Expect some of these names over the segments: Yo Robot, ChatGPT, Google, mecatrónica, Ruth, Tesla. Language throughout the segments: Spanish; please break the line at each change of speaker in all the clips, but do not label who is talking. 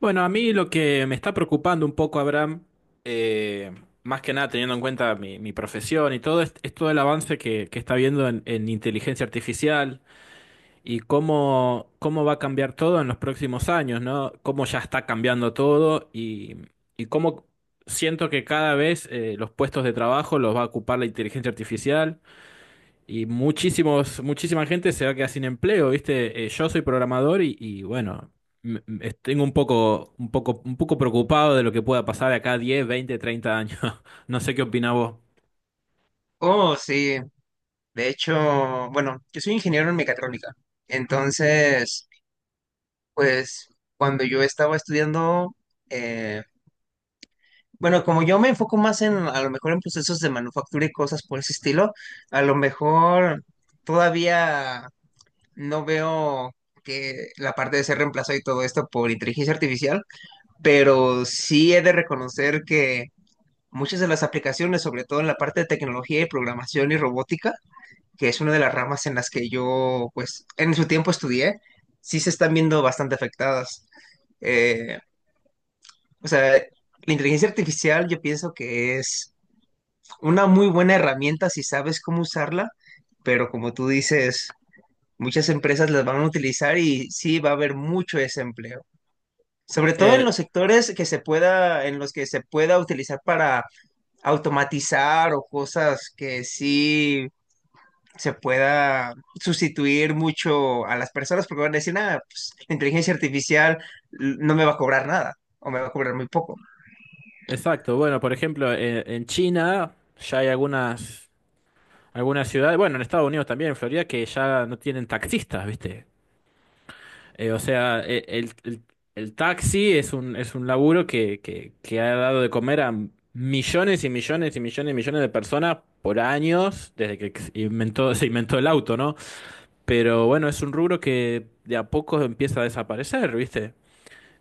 Bueno, a mí lo que me está preocupando un poco, Abraham, eh, más que nada teniendo en cuenta mi profesión y todo, es todo el avance que está habiendo en inteligencia artificial y cómo va a cambiar todo en los próximos años, ¿no? Cómo ya está cambiando todo y cómo siento que cada vez los puestos de trabajo los va a ocupar la inteligencia artificial y muchísima gente se va a quedar sin empleo, ¿viste? Yo soy programador bueno, tengo un poco, un poco preocupado de lo que pueda pasar de acá a 10, 20, 30 años. No sé qué opinás vos.
Oh, sí. De hecho, bueno, yo soy ingeniero en mecatrónica. Entonces, pues cuando yo estaba estudiando, eh, bueno, como yo me enfoco más a lo mejor en procesos de manufactura y cosas por ese estilo, a lo mejor todavía no veo que la parte de ser reemplazado y todo esto por inteligencia artificial, pero sí he de reconocer que muchas de las aplicaciones, sobre todo en la parte de tecnología y programación y robótica, que es una de las ramas en las que yo, pues, en su tiempo estudié, sí se están viendo bastante afectadas. Eh, o sea, la inteligencia artificial yo pienso que es una muy buena herramienta si sabes cómo usarla, pero como tú dices, muchas empresas las van a utilizar y sí va a haber mucho desempleo. Sobre todo en
Eh,
los sectores que se pueda, en los que se pueda utilizar para automatizar o cosas que sí se pueda sustituir mucho a las personas porque van a decir, nada, pues, la inteligencia artificial no me va a cobrar nada o me va a cobrar muy poco.
exacto, bueno, por ejemplo, en China ya hay algunas ciudades, bueno, en Estados Unidos también, en Florida, que ya no tienen taxistas, ¿viste? O sea, el taxi es un laburo que ha dado de comer a millones y millones y millones y millones de personas por años, desde que inventó, se inventó el auto, ¿no? Pero bueno, es un rubro que de a poco empieza a desaparecer, ¿viste?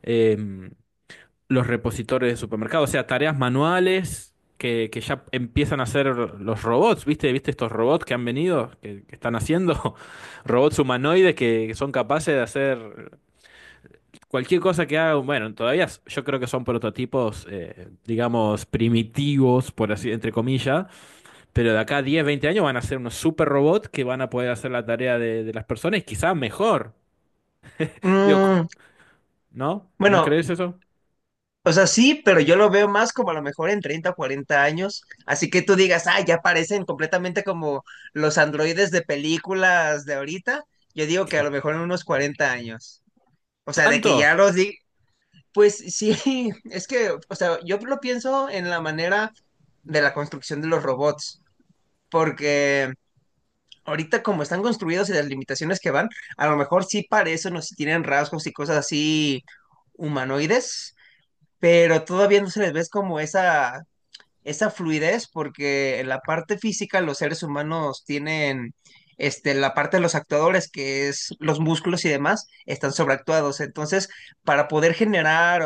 Em, los repositores de supermercados, o sea, tareas manuales que ya empiezan a hacer los robots, ¿viste? ¿Viste estos robots que han venido, que están haciendo? Robots humanoides que son capaces de hacer. Cualquier cosa que hagan, bueno, yo creo que son prototipos, digamos, primitivos, por así, entre comillas, pero de acá a 10, 20 años van a ser unos super robots que van a poder hacer la tarea de las personas y quizás mejor. Digo, c-
Mm,
¿No? ¿No
bueno,
crees eso?
o sea, sí, pero yo lo veo más como a lo mejor en treinta o 40 años. Así que tú digas, ah, ya parecen completamente como los androides de películas de ahorita. Yo digo que a lo mejor en unos 40 años. O sea, de que ya
¿Tanto?
los di. Pues sí, es que, o sea, yo lo pienso en la manera de la construcción de los robots, porque ahorita como están construidos y las limitaciones que van, a lo mejor sí parecen o sí tienen rasgos y cosas así humanoides, pero todavía no se les ve como esa fluidez, porque en la parte física los seres humanos tienen, este, la parte de los actuadores, que es los músculos y demás, están sobreactuados. Entonces, para poder generar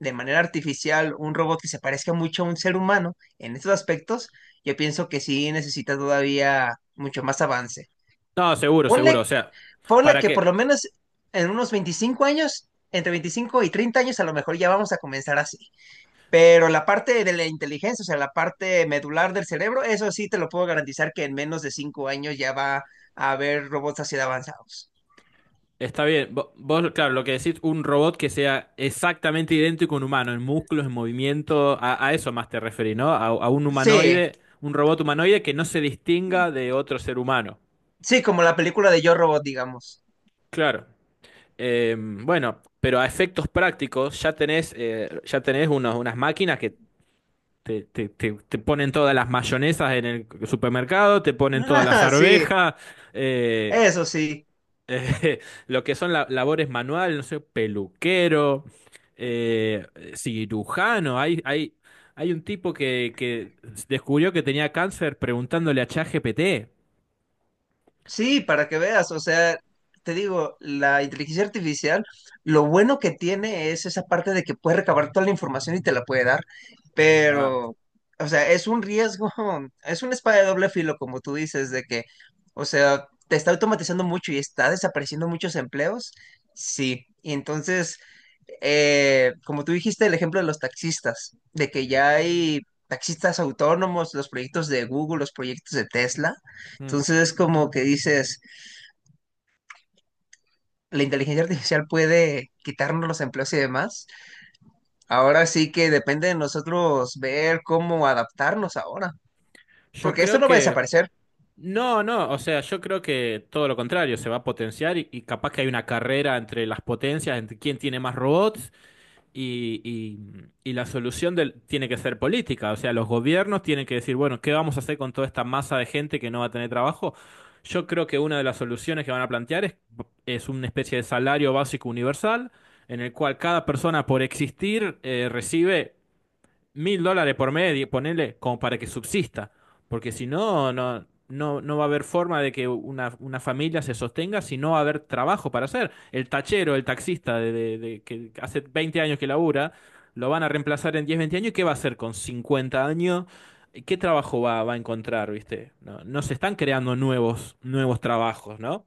de manera artificial un robot que se parezca mucho a un ser humano en estos aspectos, yo pienso que sí necesita todavía mucho más avance.
No, seguro, seguro.
Ponle,
O sea,
ponle
¿para
que por
qué?
lo menos en unos 25 años, entre 25 y 30 años, a lo mejor ya vamos a comenzar así. Pero la parte de la inteligencia, o sea, la parte medular del cerebro, eso sí te lo puedo garantizar que en menos de 5 años ya va a haber robots así de avanzados.
Está bien. Vos, claro, lo que decís, un robot que sea exactamente idéntico a un humano, en músculos, en movimiento, a eso más te referís, ¿no? A a un
Sí,
humanoide, un robot humanoide que no se distinga de otro ser humano.
sí, como la película de Yo Robot, digamos.
Claro. Bueno, pero a efectos prácticos ya tenés unas máquinas que te ponen todas las mayonesas en el supermercado, te ponen todas las
Ah, sí,
arvejas, eh,
eso sí.
eh, lo que son labores manuales, no sé, peluquero, eh, cirujano. Hay un tipo que descubrió que tenía cáncer preguntándole a ChatGPT.
Sí, para que veas, o sea, te digo, la inteligencia artificial, lo bueno que tiene es esa parte de que puede recabar toda la información y te la puede dar,
Ah.
pero, o sea, es un riesgo, es una espada de doble filo, como tú dices, de que, o sea, te está automatizando mucho y está desapareciendo muchos empleos, sí, y entonces como tú dijiste, el ejemplo de los taxistas, de que ya hay taxistas autónomos, los proyectos de Google, los proyectos de Tesla.
Mm.
Entonces es como que dices, la inteligencia artificial puede quitarnos los empleos y demás. Ahora sí que depende de nosotros ver cómo adaptarnos ahora.
Yo
Porque esto
creo
no va a
que...
desaparecer.
No, no, o sea, yo creo que todo lo contrario, se va a potenciar y capaz que hay una carrera entre las potencias, entre quién tiene más robots y, y- y la solución tiene que ser política, o sea, los gobiernos tienen que decir, bueno, ¿qué vamos a hacer con toda esta masa de gente que no va a tener trabajo? Yo creo que una de las soluciones que van a plantear es una especie de salario básico universal en el cual cada persona por existir recibe $1000 por mes, ponerle como para que subsista, porque si no, no va a haber forma de que una familia se sostenga si no va a haber trabajo para hacer. El tachero, el taxista que hace 20 años que labura, lo van a reemplazar en 10 20 años, ¿y qué va a hacer con 50 años? ¿Qué trabajo va a encontrar, viste? No, no se están creando nuevos, nuevos trabajos, ¿no?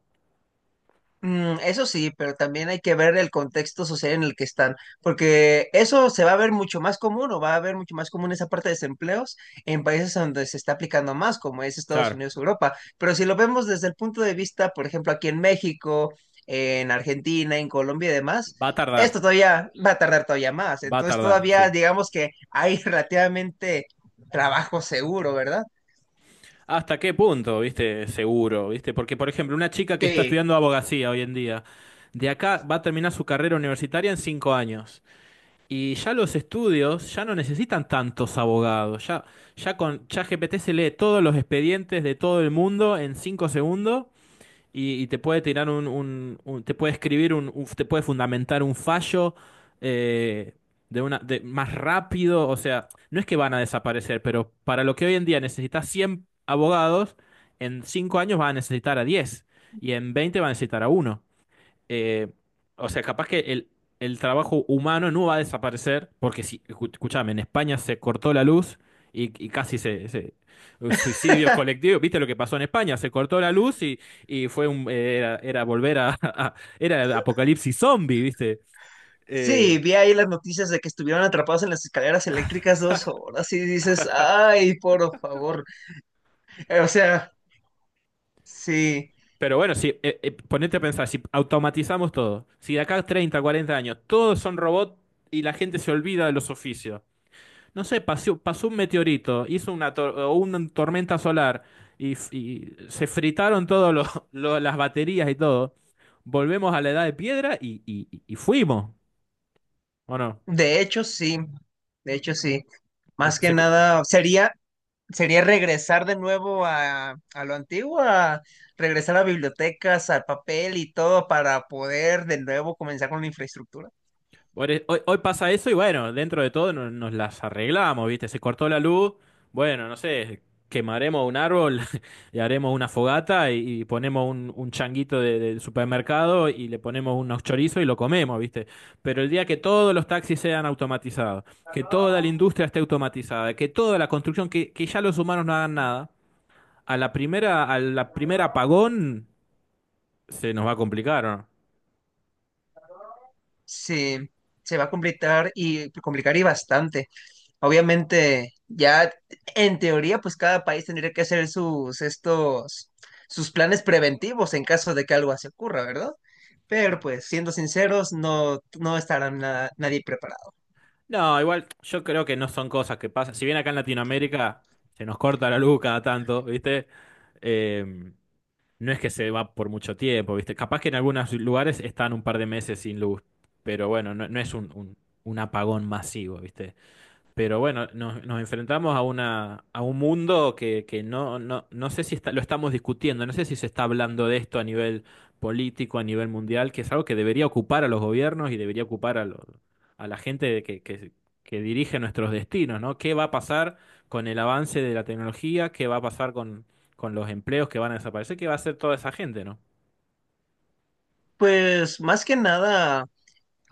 Mm, eso sí, pero también hay que ver el contexto social en el que están, porque eso se va a ver mucho más común o va a ver mucho más común esa parte de desempleos en países donde se está aplicando más, como es Estados
Claro,
Unidos, Europa. Pero si lo vemos desde el punto de vista, por ejemplo, aquí en México, en Argentina, en Colombia y demás,
va a tardar,
esto todavía va a tardar todavía más.
va a
Entonces
tardar, sí.
todavía digamos que hay relativamente trabajo seguro, ¿verdad?
¿Hasta qué punto, viste? Seguro, viste? Porque, por ejemplo, una chica que está
Sí.
estudiando abogacía hoy en día, de acá va a terminar su carrera universitaria en 5 años. Y ya los estudios ya no necesitan tantos abogados. Ya, ya con ChatGPT se lee todos los expedientes de todo el mundo en 5 segundos y te puede tirar te puede escribir te puede fundamentar un fallo eh, de una de más rápido, o sea, no es que van a desaparecer, pero para lo que hoy en día necesitas 100 abogados, en 5 años va a necesitar a 10 y en 20 va a necesitar a uno eh, o sea, capaz que el trabajo humano no va a desaparecer, porque si, escuchame, en España se cortó la luz y casi suicidios colectivos, ¿viste lo que pasó en España? Se cortó la luz y fue un, era volver a, era el apocalipsis zombie, ¿viste?
Sí,
Eh,
vi ahí las noticias de que estuvieron atrapados en las escaleras eléctricas 2 horas y dices, ay, por favor. O sea, sí,
pero bueno, si, ponete a pensar, si automatizamos todo, si de acá a 30, 40 años todos son robots y la gente se olvida de los oficios. No sé, pasó, pasó un meteorito, hizo una, o una tormenta solar y, y se fritaron las baterías y todo. Volvemos a la edad de piedra y fuimos, ¿o no?
de hecho sí, de hecho sí. Más que
Se,
nada, sería, sería regresar de nuevo a lo antiguo, a regresar a bibliotecas, al papel y todo para poder de nuevo comenzar con la infraestructura.
Hoy pasa eso y bueno, dentro de todo nos, nos las arreglamos, ¿viste? Se cortó la luz, bueno, no sé, quemaremos un árbol y haremos una fogata y ponemos un changuito del supermercado y le ponemos unos chorizos y lo comemos, ¿viste? Pero el día que todos los taxis sean automatizados, que toda la industria esté automatizada, que toda la construcción, que ya los humanos no hagan nada, a la primera apagón se nos va a complicar, ¿o ¿no?
Sí, se va a complicar y complicar y bastante. Obviamente, ya en teoría, pues cada país tendría que hacer sus planes preventivos en caso de que algo así ocurra, ¿verdad? Pero pues, siendo sinceros, no, no estará nadie preparado.
No, igual yo creo que no son cosas que pasan. Si bien acá en Latinoamérica se nos corta la luz cada tanto, ¿viste? Eh, no es que se va por mucho tiempo, ¿viste? Capaz que en algunos lugares están un par de meses sin luz, pero bueno, no, no es un apagón masivo, ¿viste? Pero bueno, nos, nos enfrentamos a una, a un mundo que no, no sé si lo estamos discutiendo, no sé si se está hablando de esto a nivel político, a nivel mundial, que es algo que debería ocupar a los gobiernos y debería ocupar a, a la gente que dirige nuestros destinos, ¿no? ¿Qué va a pasar con el avance de la tecnología? ¿Qué va a pasar con los empleos que van a desaparecer? ¿Qué va a hacer toda esa gente, ¿no?
Pues más que nada,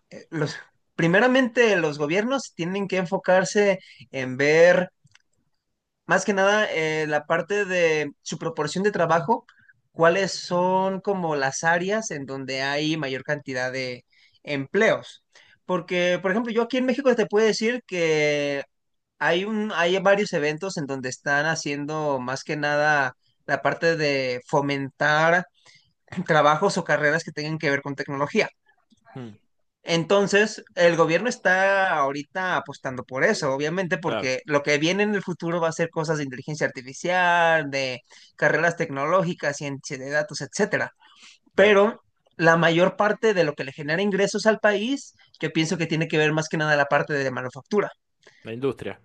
eh, los, primeramente los gobiernos tienen que enfocarse en ver. Más que nada, la parte de su proporción de trabajo, ¿cuáles son como las áreas en donde hay mayor cantidad de empleos? Porque, por ejemplo, yo aquí en México te puedo decir que hay varios eventos en donde están haciendo más que nada la parte de fomentar trabajos o carreras que tengan que ver con tecnología.
Mm,
Entonces, el gobierno está ahorita apostando por eso, obviamente,
claro,
porque lo que viene en el futuro va a ser cosas de inteligencia artificial, de carreras tecnológicas, ciencia de datos, etcétera.
claro.
Pero la mayor parte de lo que le genera ingresos al país, yo pienso que tiene que ver más que nada la parte de manufactura,
La industria,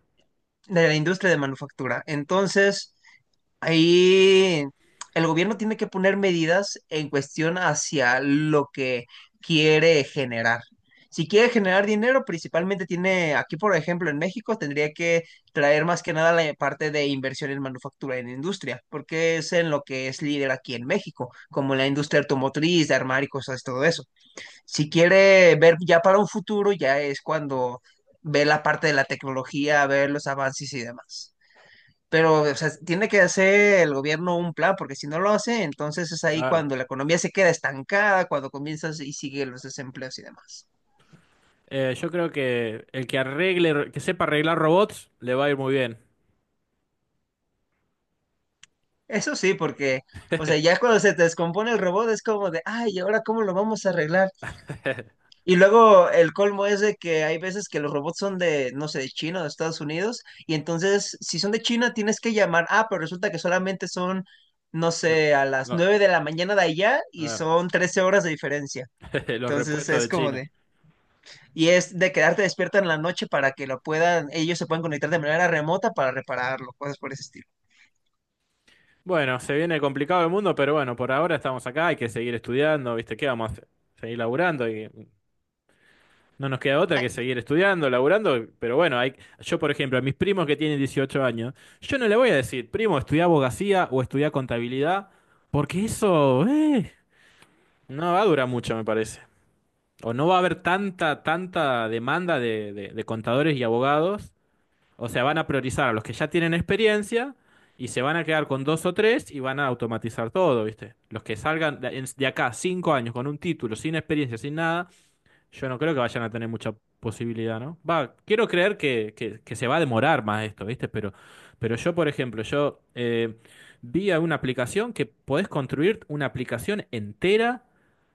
de la industria de manufactura. Entonces, ahí el gobierno tiene que poner medidas en cuestión hacia lo que quiere generar. Si quiere generar dinero, principalmente tiene, aquí por ejemplo en México, tendría que traer más que nada la parte de inversión en manufactura, en industria, porque es en lo que es líder aquí en México, como la industria automotriz, de armar y cosas, todo eso. Si quiere ver ya para un futuro, ya es cuando ve la parte de la tecnología, ver los avances y demás. Pero, o sea, tiene que hacer el gobierno un plan, porque si no lo hace, entonces es ahí
claro.
cuando la economía se queda estancada, cuando comienzas y sigue los desempleos y demás.
Yo creo que el que arregle, que sepa arreglar robots, le va a ir muy bien.
Eso sí, porque, o sea, ya cuando se te descompone el robot es como de, ay, ¿y ahora cómo lo vamos a arreglar? Y luego el colmo es de que hay veces que los robots son de, no sé, de China o de Estados Unidos, y entonces, si son de China, tienes que llamar, ah, pero resulta que solamente son, no sé, a las
No,
9 de la mañana de allá y
eh,
son 13 horas de diferencia.
los
Entonces
repuestos
es
de
como
China.
de... Y es de quedarte despierta en la noche para que lo puedan, ellos se puedan conectar de manera remota para repararlo, cosas por ese estilo.
Bueno, se viene complicado el mundo, pero bueno, por ahora estamos acá, hay que seguir estudiando, ¿viste? ¿Qué vamos a hacer? Seguir laburando y no nos queda otra que seguir estudiando, laburando, pero bueno, hay, yo por ejemplo, a mis primos que tienen 18 años, yo no le voy a decir, primo, estudia abogacía o estudia contabilidad, porque eso, no va a durar mucho, me parece. O no va a haber tanta, tanta demanda de, de contadores y abogados, o sea, van a priorizar a los que ya tienen experiencia y se van a quedar con dos o tres y van a automatizar todo, ¿viste? Los que salgan de, de acá cinco años con un título, sin experiencia, sin nada yo no creo que vayan a tener mucha posibilidad, ¿no? Va, quiero creer que, que se va a demorar más esto, ¿viste? Pero yo, por ejemplo, yo vi a una aplicación que podés construir una aplicación entera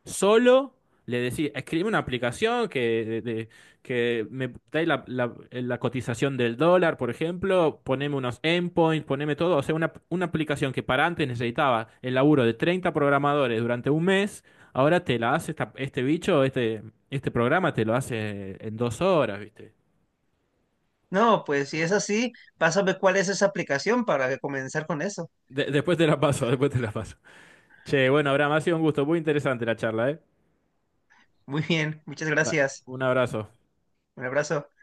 solo. Le decís, escribe una aplicación que, que me dé la, la cotización del dólar, por ejemplo, poneme unos endpoints, poneme todo. O sea, una aplicación que para antes necesitaba el laburo de 30 programadores durante un mes. Ahora te la hace este bicho, este programa te lo hace en 2 horas, ¿viste?
No, pues si es así, pásame cuál es esa aplicación para comenzar con eso.
Después te la paso, después te la paso. Che, bueno, Abraham, ha sido un gusto, muy interesante la charla, ¿eh?
Muy bien, muchas
Da-
gracias.
un abrazo.
Un abrazo.